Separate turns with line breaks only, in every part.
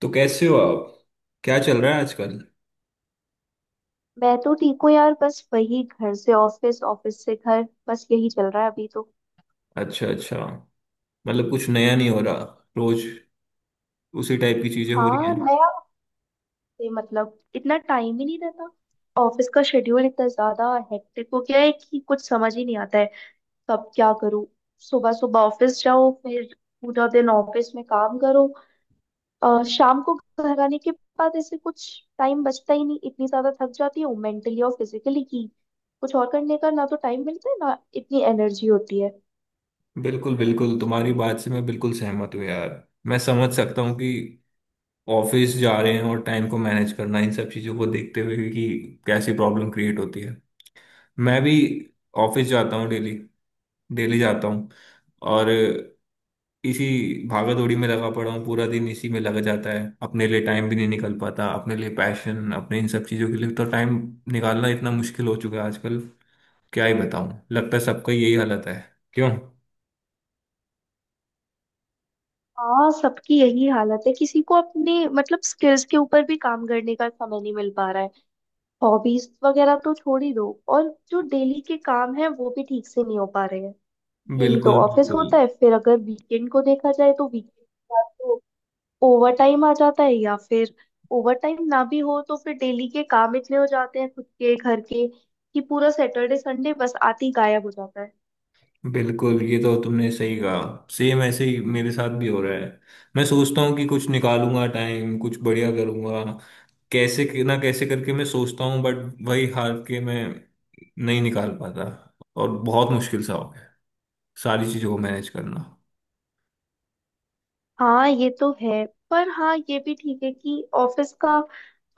तो कैसे हो आप। क्या चल रहा है आजकल।
मैं तो ठीक हूँ यार। बस वही घर से ऑफिस, ऑफिस से घर। बस यही चल रहा है अभी तो।
अच्छा अच्छा। मतलब कुछ नया नहीं हो रहा। रोज उसी टाइप की चीजें हो रही
हाँ,
हैं।
नया हफ्ते मतलब इतना टाइम ही नहीं रहता। ऑफिस का शेड्यूल इतना ज्यादा हेक्टिक हो गया है कि कुछ समझ ही नहीं आता है कब क्या करूँ। सुबह सुबह ऑफिस जाओ, फिर पूरा दिन ऑफिस में काम करो, शाम को घर आने के बाद ऐसे कुछ टाइम बचता ही नहीं। इतनी ज्यादा थक जाती हूँ मेंटली और फिजिकली कि कुछ और करने का ना तो टाइम मिलता है ना इतनी एनर्जी होती है।
बिल्कुल बिल्कुल, तुम्हारी बात से मैं बिल्कुल सहमत हूँ यार। मैं समझ सकता हूँ कि ऑफिस जा रहे हैं और टाइम को मैनेज करना, इन सब चीजों को देखते हुए कि कैसी प्रॉब्लम क्रिएट होती है। मैं भी ऑफिस जाता हूँ डेली। डेली जाता हूँ। और इसी भागा दौड़ी में लगा पड़ा हूँ। पूरा दिन इसी में लग जाता है। अपने लिए टाइम भी नहीं निकल पाता। अपने लिए, पैशन, अपने इन सब चीज़ों के लिए तो टाइम निकालना इतना मुश्किल हो चुका है आजकल। क्या ही बताऊँ, लगता है सबका यही हालत है। क्यों।
हाँ, सबकी यही हालत है। किसी को अपने मतलब स्किल्स के ऊपर भी काम करने का समय नहीं मिल पा रहा है। हॉबीज वगैरह तो छोड़ ही दो, और जो डेली के काम है वो भी ठीक से नहीं हो पा रहे हैं। डेली तो
बिल्कुल
ऑफिस
बिल्कुल।
होता है, फिर अगर वीकेंड को देखा जाए तो वीकेंड तो ओवर टाइम आ जाता है, या फिर ओवर टाइम ना भी हो तो फिर डेली के काम इतने हो जाते हैं खुद के घर के कि पूरा सैटरडे संडे बस आते ही गायब हो जाता है।
बिल्कुल, ये तो तुमने सही कहा। सेम ऐसे ही मेरे साथ भी हो रहा है। मैं सोचता हूँ कि कुछ निकालूंगा टाइम, कुछ बढ़िया करूंगा। कैसे ना, कैसे करके मैं सोचता हूँ, बट वही हार के मैं नहीं निकाल पाता। और बहुत मुश्किल सा हो गया सारी चीजों को मैनेज करना।
हाँ, ये तो है। पर हाँ, ये भी ठीक है कि ऑफिस का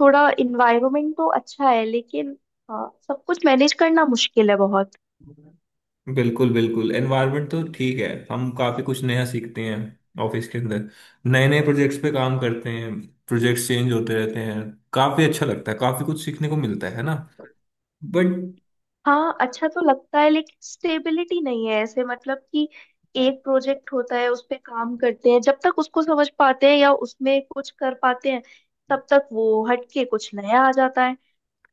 थोड़ा इन्वायरमेंट तो अच्छा है, लेकिन हाँ, सब कुछ मैनेज करना मुश्किल है बहुत।
बिल्कुल बिल्कुल। एनवायरनमेंट तो ठीक है, हम काफी कुछ नया सीखते हैं ऑफिस के अंदर। नए नए प्रोजेक्ट्स पे काम करते हैं। प्रोजेक्ट्स चेंज होते रहते हैं। काफी अच्छा लगता है, काफी कुछ सीखने को मिलता है ना। बट
हाँ, अच्छा तो लगता है लेकिन स्टेबिलिटी नहीं है ऐसे, मतलब कि एक प्रोजेक्ट होता है, उस पे काम करते हैं, जब तक उसको समझ पाते हैं या उसमें कुछ कर पाते हैं, तब तक वो हटके कुछ नया आ जाता है।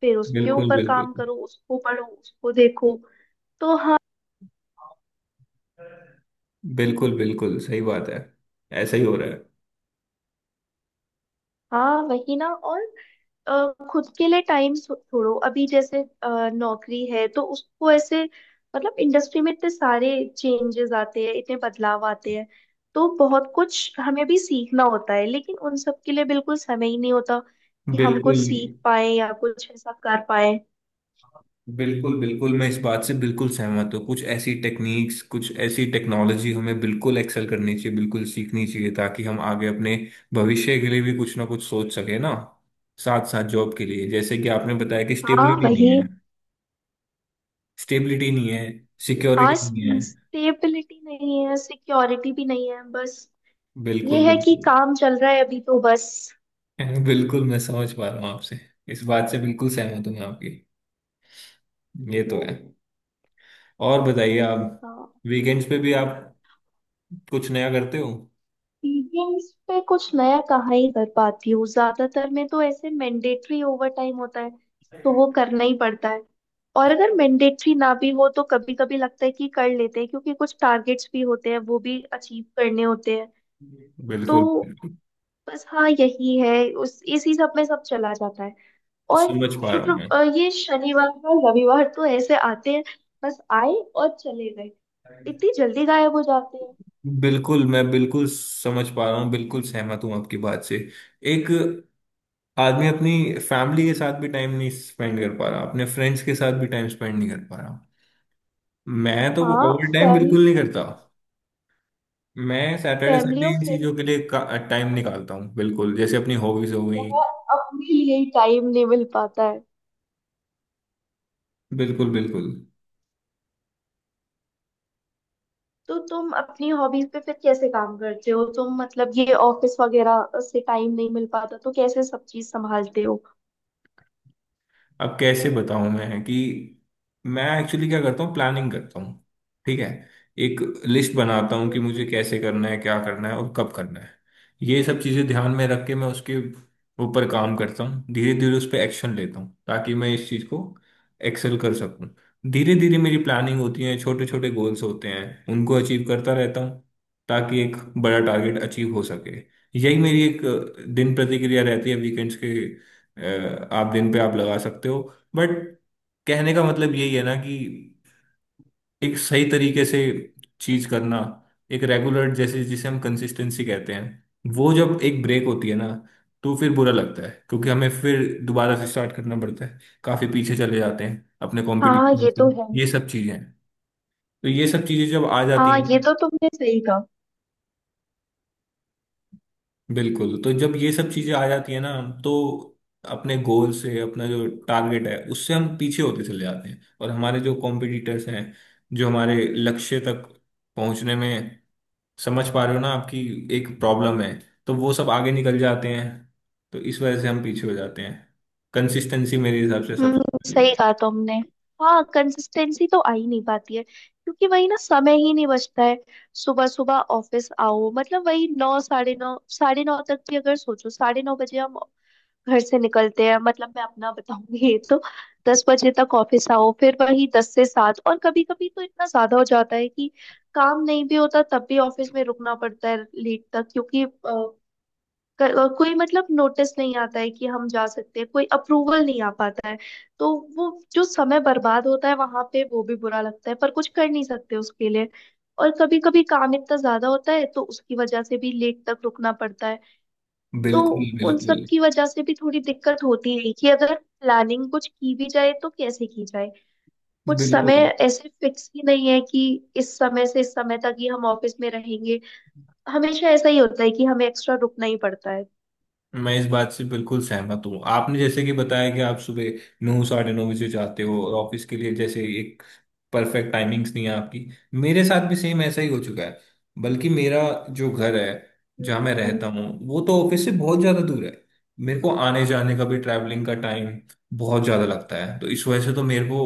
फिर उसके
बिल्कुल
ऊपर
बिल्कुल।
काम करो, उसको पढ़ो, उसको देखो। तो हाँ।
बिल्कुल बिल्कुल सही बात है। ऐसा ही हो रहा है।
हाँ, वही ना। और खुद के लिए टाइम छोड़ो, अभी जैसे नौकरी है तो उसको ऐसे मतलब इंडस्ट्री में इतने सारे चेंजेस आते हैं, इतने बदलाव आते हैं, तो बहुत कुछ हमें भी सीखना होता है, लेकिन उन सब के लिए बिल्कुल समय ही नहीं होता कि हम कुछ
बिल्कुल
सीख पाए या कुछ ऐसा कर पाए।
बिल्कुल बिल्कुल, मैं इस बात से बिल्कुल सहमत हूँ। कुछ ऐसी टेक्निक्स, कुछ ऐसी टेक्नोलॉजी हमें बिल्कुल एक्सेल करनी चाहिए, बिल्कुल सीखनी चाहिए, ताकि हम आगे अपने भविष्य के लिए भी कुछ ना कुछ सोच सके ना। साथ साथ जॉब के लिए, जैसे कि आपने बताया कि
हाँ,
स्टेबिलिटी नहीं
वही।
है। स्टेबिलिटी नहीं है,
हाँ,
सिक्योरिटी नहीं है।
स्टेबिलिटी नहीं है, सिक्योरिटी भी नहीं है। बस ये
बिल्कुल
है कि
बिल्कुल।
काम चल रहा है अभी तो बस।
बिल्कुल, मैं समझ पा रहा हूँ आपसे। इस बात से बिल्कुल सहमत हूँ मैं आपकी। ये तो है। और बताइए आप,
हाँ,
वीकेंड्स पे भी आप कुछ नया करते हो।
सीलिंग्स पे कुछ नया कहाँ ही कर पाती हूँ? ज्यादातर में तो ऐसे मैंडेटरी ओवर टाइम होता है, तो वो करना ही पड़ता है। और अगर मैंडेटरी ना भी हो तो कभी कभी लगता है कि कर लेते हैं, क्योंकि कुछ टारगेट्स भी होते हैं, वो भी अचीव करने होते हैं।
बिल्कुल
तो बस हाँ, यही है। उस इसी सब में सब चला जाता है। और
समझ पा रहा हूँ मैं।
ये शनिवार और रविवार तो ऐसे आते हैं, बस आए और चले गए, इतनी जल्दी गायब हो जाते हैं।
बिल्कुल, मैं बिल्कुल समझ पा रहा हूँ, बिल्कुल सहमत हूँ आपकी बात से। एक आदमी अपनी फैमिली के साथ भी टाइम नहीं स्पेंड कर पा रहा, अपने फ्रेंड्स के साथ भी टाइम स्पेंड नहीं कर पा रहा। मैं तो
हाँ।
ओवर टाइम
फैमिली
बिल्कुल नहीं करता। मैं सैटरडे
फैमिली
संडे इन
और
चीज़ों के लिए टाइम निकालता हूँ, बिल्कुल, जैसे अपनी हॉबीज हो गई।
यहाँ अपने लिए टाइम नहीं मिल पाता है।
बिल्कुल बिल्कुल।
तो तुम अपनी हॉबीज पे फिर कैसे काम करते हो तुम? मतलब ये ऑफिस वगैरह से टाइम नहीं मिल पाता, तो कैसे सब चीज संभालते हो?
अब कैसे बताऊं मैं कि मैं एक्चुअली क्या करता हूँ। प्लानिंग करता हूँ। ठीक है। एक लिस्ट बनाता हूँ कि
हम्म।
मुझे कैसे करना है, क्या करना है और कब करना है। ये सब चीज़ें ध्यान में रख के मैं उसके ऊपर काम करता हूँ। धीरे धीरे उस पर एक्शन लेता हूँ, ताकि मैं इस चीज़ को एक्सेल कर सकूँ। धीरे धीरे मेरी प्लानिंग होती है, छोटे छोटे गोल्स होते हैं, उनको अचीव करता रहता हूँ, ताकि एक बड़ा टारगेट अचीव हो सके। यही मेरी एक दिन प्रतिक्रिया रहती है। वीकेंड्स के आप दिन पे आप लगा सकते हो, बट कहने का मतलब यही है ना कि एक सही तरीके से चीज करना, एक रेगुलर, जैसे जिसे हम कंसिस्टेंसी कहते हैं, वो जब एक ब्रेक होती है ना, तो फिर बुरा लगता है, क्योंकि हमें फिर दोबारा से स्टार्ट करना पड़ता है। काफी पीछे चले जाते हैं अपने
हाँ,
कंपटीशन
ये तो है।
से। ये सब चीजें हैं। तो ये सब चीजें जब आ जाती
हाँ,
हैं।
ये तो तुमने सही कहा।
बिल्कुल। तो जब ये सब चीजें आ जाती है ना, तो अपने गोल से, अपना जो टारगेट है उससे हम पीछे होते चले जाते हैं, और हमारे जो कॉम्पिटिटर्स हैं, जो हमारे लक्ष्य तक पहुंचने में, समझ पा रहे हो ना, आपकी एक प्रॉब्लम है, तो वो सब आगे निकल जाते हैं, तो इस वजह से हम पीछे हो जाते हैं। कंसिस्टेंसी मेरे हिसाब से सबसे
हम्म, सही
बड़ी-
कहा तुमने। हाँ, कंसिस्टेंसी तो आ ही नहीं पाती है क्योंकि वही ना, समय ही नहीं बचता है। सुबह सुबह ऑफिस आओ, मतलब वही नौ, साढ़े नौ, साढ़े नौ तक भी अगर सोचो, 9:30 बजे हम घर से निकलते हैं, मतलब मैं अपना बताऊंगी तो 10 बजे तक ऑफिस आओ, फिर वही 10 से 7। और कभी कभी तो इतना ज्यादा हो जाता है कि काम नहीं भी होता तब भी ऑफिस में रुकना पड़ता है लेट तक, क्योंकि कोई मतलब नोटिस नहीं आता है कि हम जा सकते हैं, कोई अप्रूवल नहीं आ पाता है। तो वो जो समय बर्बाद होता है वहां पे, वो भी बुरा लगता है, पर कुछ कर नहीं सकते उसके लिए। और कभी कभी काम इतना ज्यादा होता है तो उसकी वजह से भी लेट तक रुकना पड़ता है। तो
बिल्कुल
उन सब
बिल्कुल
की वजह से भी थोड़ी दिक्कत होती है कि अगर प्लानिंग कुछ की भी जाए तो कैसे की जाए। कुछ समय
बिल्कुल,
ऐसे फिक्स ही नहीं है कि इस समय से इस समय तक ही हम ऑफिस में रहेंगे। हमेशा ऐसा ही होता है कि हमें एक्स्ट्रा रुकना ही पड़ता है।
मैं इस बात से बिल्कुल सहमत हूँ। आपने जैसे कि बताया कि आप सुबह नौ साढ़े नौ बजे जाते हो, और ऑफिस के लिए जैसे एक परफेक्ट टाइमिंग्स नहीं है आपकी। मेरे साथ भी सेम ऐसा ही हो चुका है। बल्कि मेरा जो घर है,
हम्म।
जहाँ मैं रहता
हम्म।
हूँ, वो तो ऑफिस से बहुत ज़्यादा दूर है। मेरे को आने जाने का भी, ट्रैवलिंग का टाइम बहुत ज़्यादा लगता है। तो इस वजह से तो मेरे को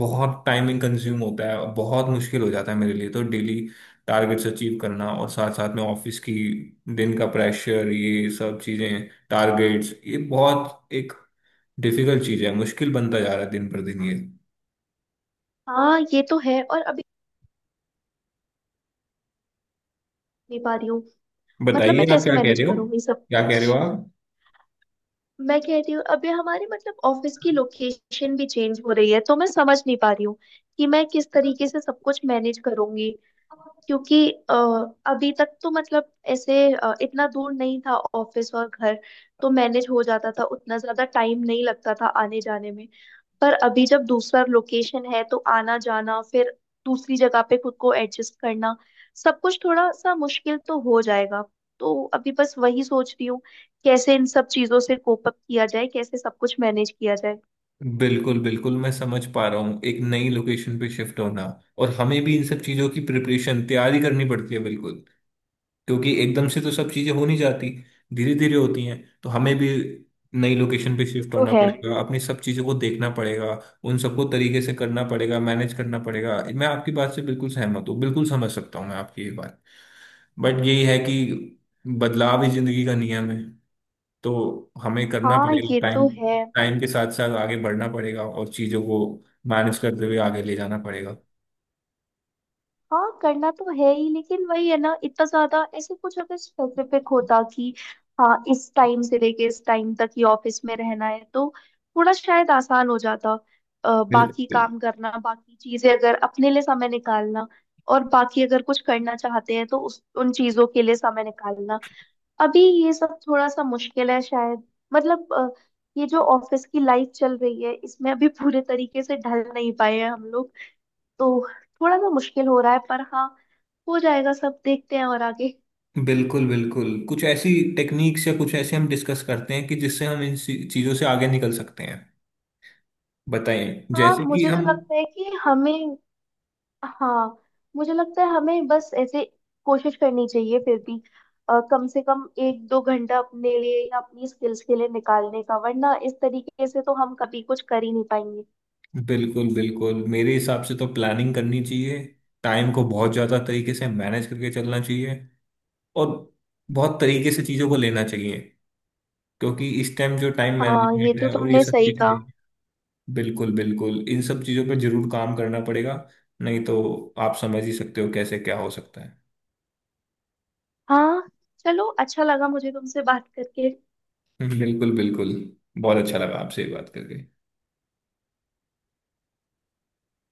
बहुत टाइमिंग कंज्यूम होता है, और बहुत मुश्किल हो जाता है मेरे लिए तो डेली टारगेट्स अचीव करना, और साथ साथ में ऑफिस की दिन का प्रेशर, ये सब चीजें, टारगेट्स, ये बहुत एक डिफिकल्ट चीज है। मुश्किल बनता जा रहा है दिन पर दिन ये।
हाँ, ये तो है। और अभी नहीं पा रही हूँ, मतलब
बताइए
मैं
आप
कैसे
क्या कह
मैनेज
रहे हो।
करूंगी सब
क्या कह
कुछ।
रहे हो आप।
मैं कह रही हूँ अभी हमारे मतलब ऑफिस की लोकेशन भी चेंज हो रही है, तो मैं समझ नहीं पा रही हूँ कि मैं किस तरीके से सब कुछ मैनेज करूंगी, क्योंकि अभी तक तो मतलब ऐसे इतना दूर नहीं था ऑफिस और घर, तो मैनेज हो जाता था, उतना ज्यादा टाइम नहीं लगता था आने जाने में। पर अभी जब दूसरा लोकेशन है तो आना जाना, फिर दूसरी जगह पे खुद को एडजस्ट करना, सब कुछ थोड़ा सा मुश्किल तो हो जाएगा। तो अभी बस वही सोच रही हूँ, कैसे इन सब चीजों से कोप अप किया जाए, कैसे सब कुछ मैनेज किया जाए।
बिल्कुल बिल्कुल, मैं समझ पा रहा हूँ। एक नई लोकेशन पे शिफ्ट होना, और हमें भी इन सब चीजों की प्रिपरेशन, तैयारी करनी पड़ती है, बिल्कुल। क्योंकि एकदम से तो सब चीजें हो नहीं जाती, धीरे धीरे होती हैं। तो हमें भी नई लोकेशन पे शिफ्ट
तो
होना
है।
पड़ेगा, अपनी सब चीजों को देखना पड़ेगा, उन सबको तरीके से करना पड़ेगा, मैनेज करना पड़ेगा। मैं आपकी बात से बिल्कुल सहमत हूँ, बिल्कुल समझ सकता हूँ मैं आपकी ये बात। बट यही है कि बदलाव ही जिंदगी का नियम है। तो हमें करना
हाँ,
पड़ेगा।
ये
टाइम,
तो है।
टाइम के साथ साथ आगे बढ़ना पड़ेगा, और चीजों को मैनेज करते हुए आगे ले जाना पड़ेगा।
हाँ, करना तो है ही, लेकिन वही है ना, इतना ज्यादा ऐसे कुछ अगर स्पेसिफिक होता कि हाँ, इस टाइम से लेके इस टाइम तक ही ऑफिस में रहना है तो थोड़ा शायद आसान हो जाता। बाकी
बिल्कुल
काम करना, बाकी चीजें, अगर अपने लिए समय निकालना और बाकी अगर कुछ करना चाहते हैं तो उस उन चीजों के लिए समय निकालना, अभी ये सब थोड़ा सा मुश्किल है शायद। मतलब ये जो ऑफिस की लाइफ चल रही है, इसमें अभी पूरे तरीके से ढल नहीं पाए हैं हम लोग, तो थोड़ा सा मुश्किल हो रहा है। पर हाँ, हो जाएगा सब, देखते हैं और आगे।
बिल्कुल। बिल्कुल कुछ ऐसी टेक्निक्स या कुछ ऐसे हम डिस्कस करते हैं, कि जिससे हम इन चीजों से आगे निकल सकते हैं। बताइए,
हाँ,
जैसे कि
मुझे तो
हम।
लगता है कि हमें, हाँ, मुझे लगता है हमें बस ऐसे कोशिश करनी चाहिए फिर भी। कम से कम एक दो घंटा अपने लिए या अपनी स्किल्स के लिए निकालने का, वरना इस तरीके से तो हम कभी कुछ कर ही नहीं पाएंगे।
बिल्कुल बिल्कुल, मेरे हिसाब से तो प्लानिंग करनी चाहिए, टाइम को बहुत ज्यादा तरीके से मैनेज करके चलना चाहिए, और बहुत तरीके से चीजों को लेना चाहिए, क्योंकि इस टाइम जो टाइम
हाँ, ये
मैनेजमेंट
तो
है और ये
तुमने
सब
सही कहा।
चीजें। बिल्कुल बिल्कुल, इन सब चीजों पर जरूर काम करना पड़ेगा। नहीं तो आप समझ ही सकते हो कैसे क्या हो सकता है।
हाँ, चलो, अच्छा लगा मुझे तुमसे बात करके।
बिल्कुल बिल्कुल। बहुत अच्छा लगा आपसे ये बात करके।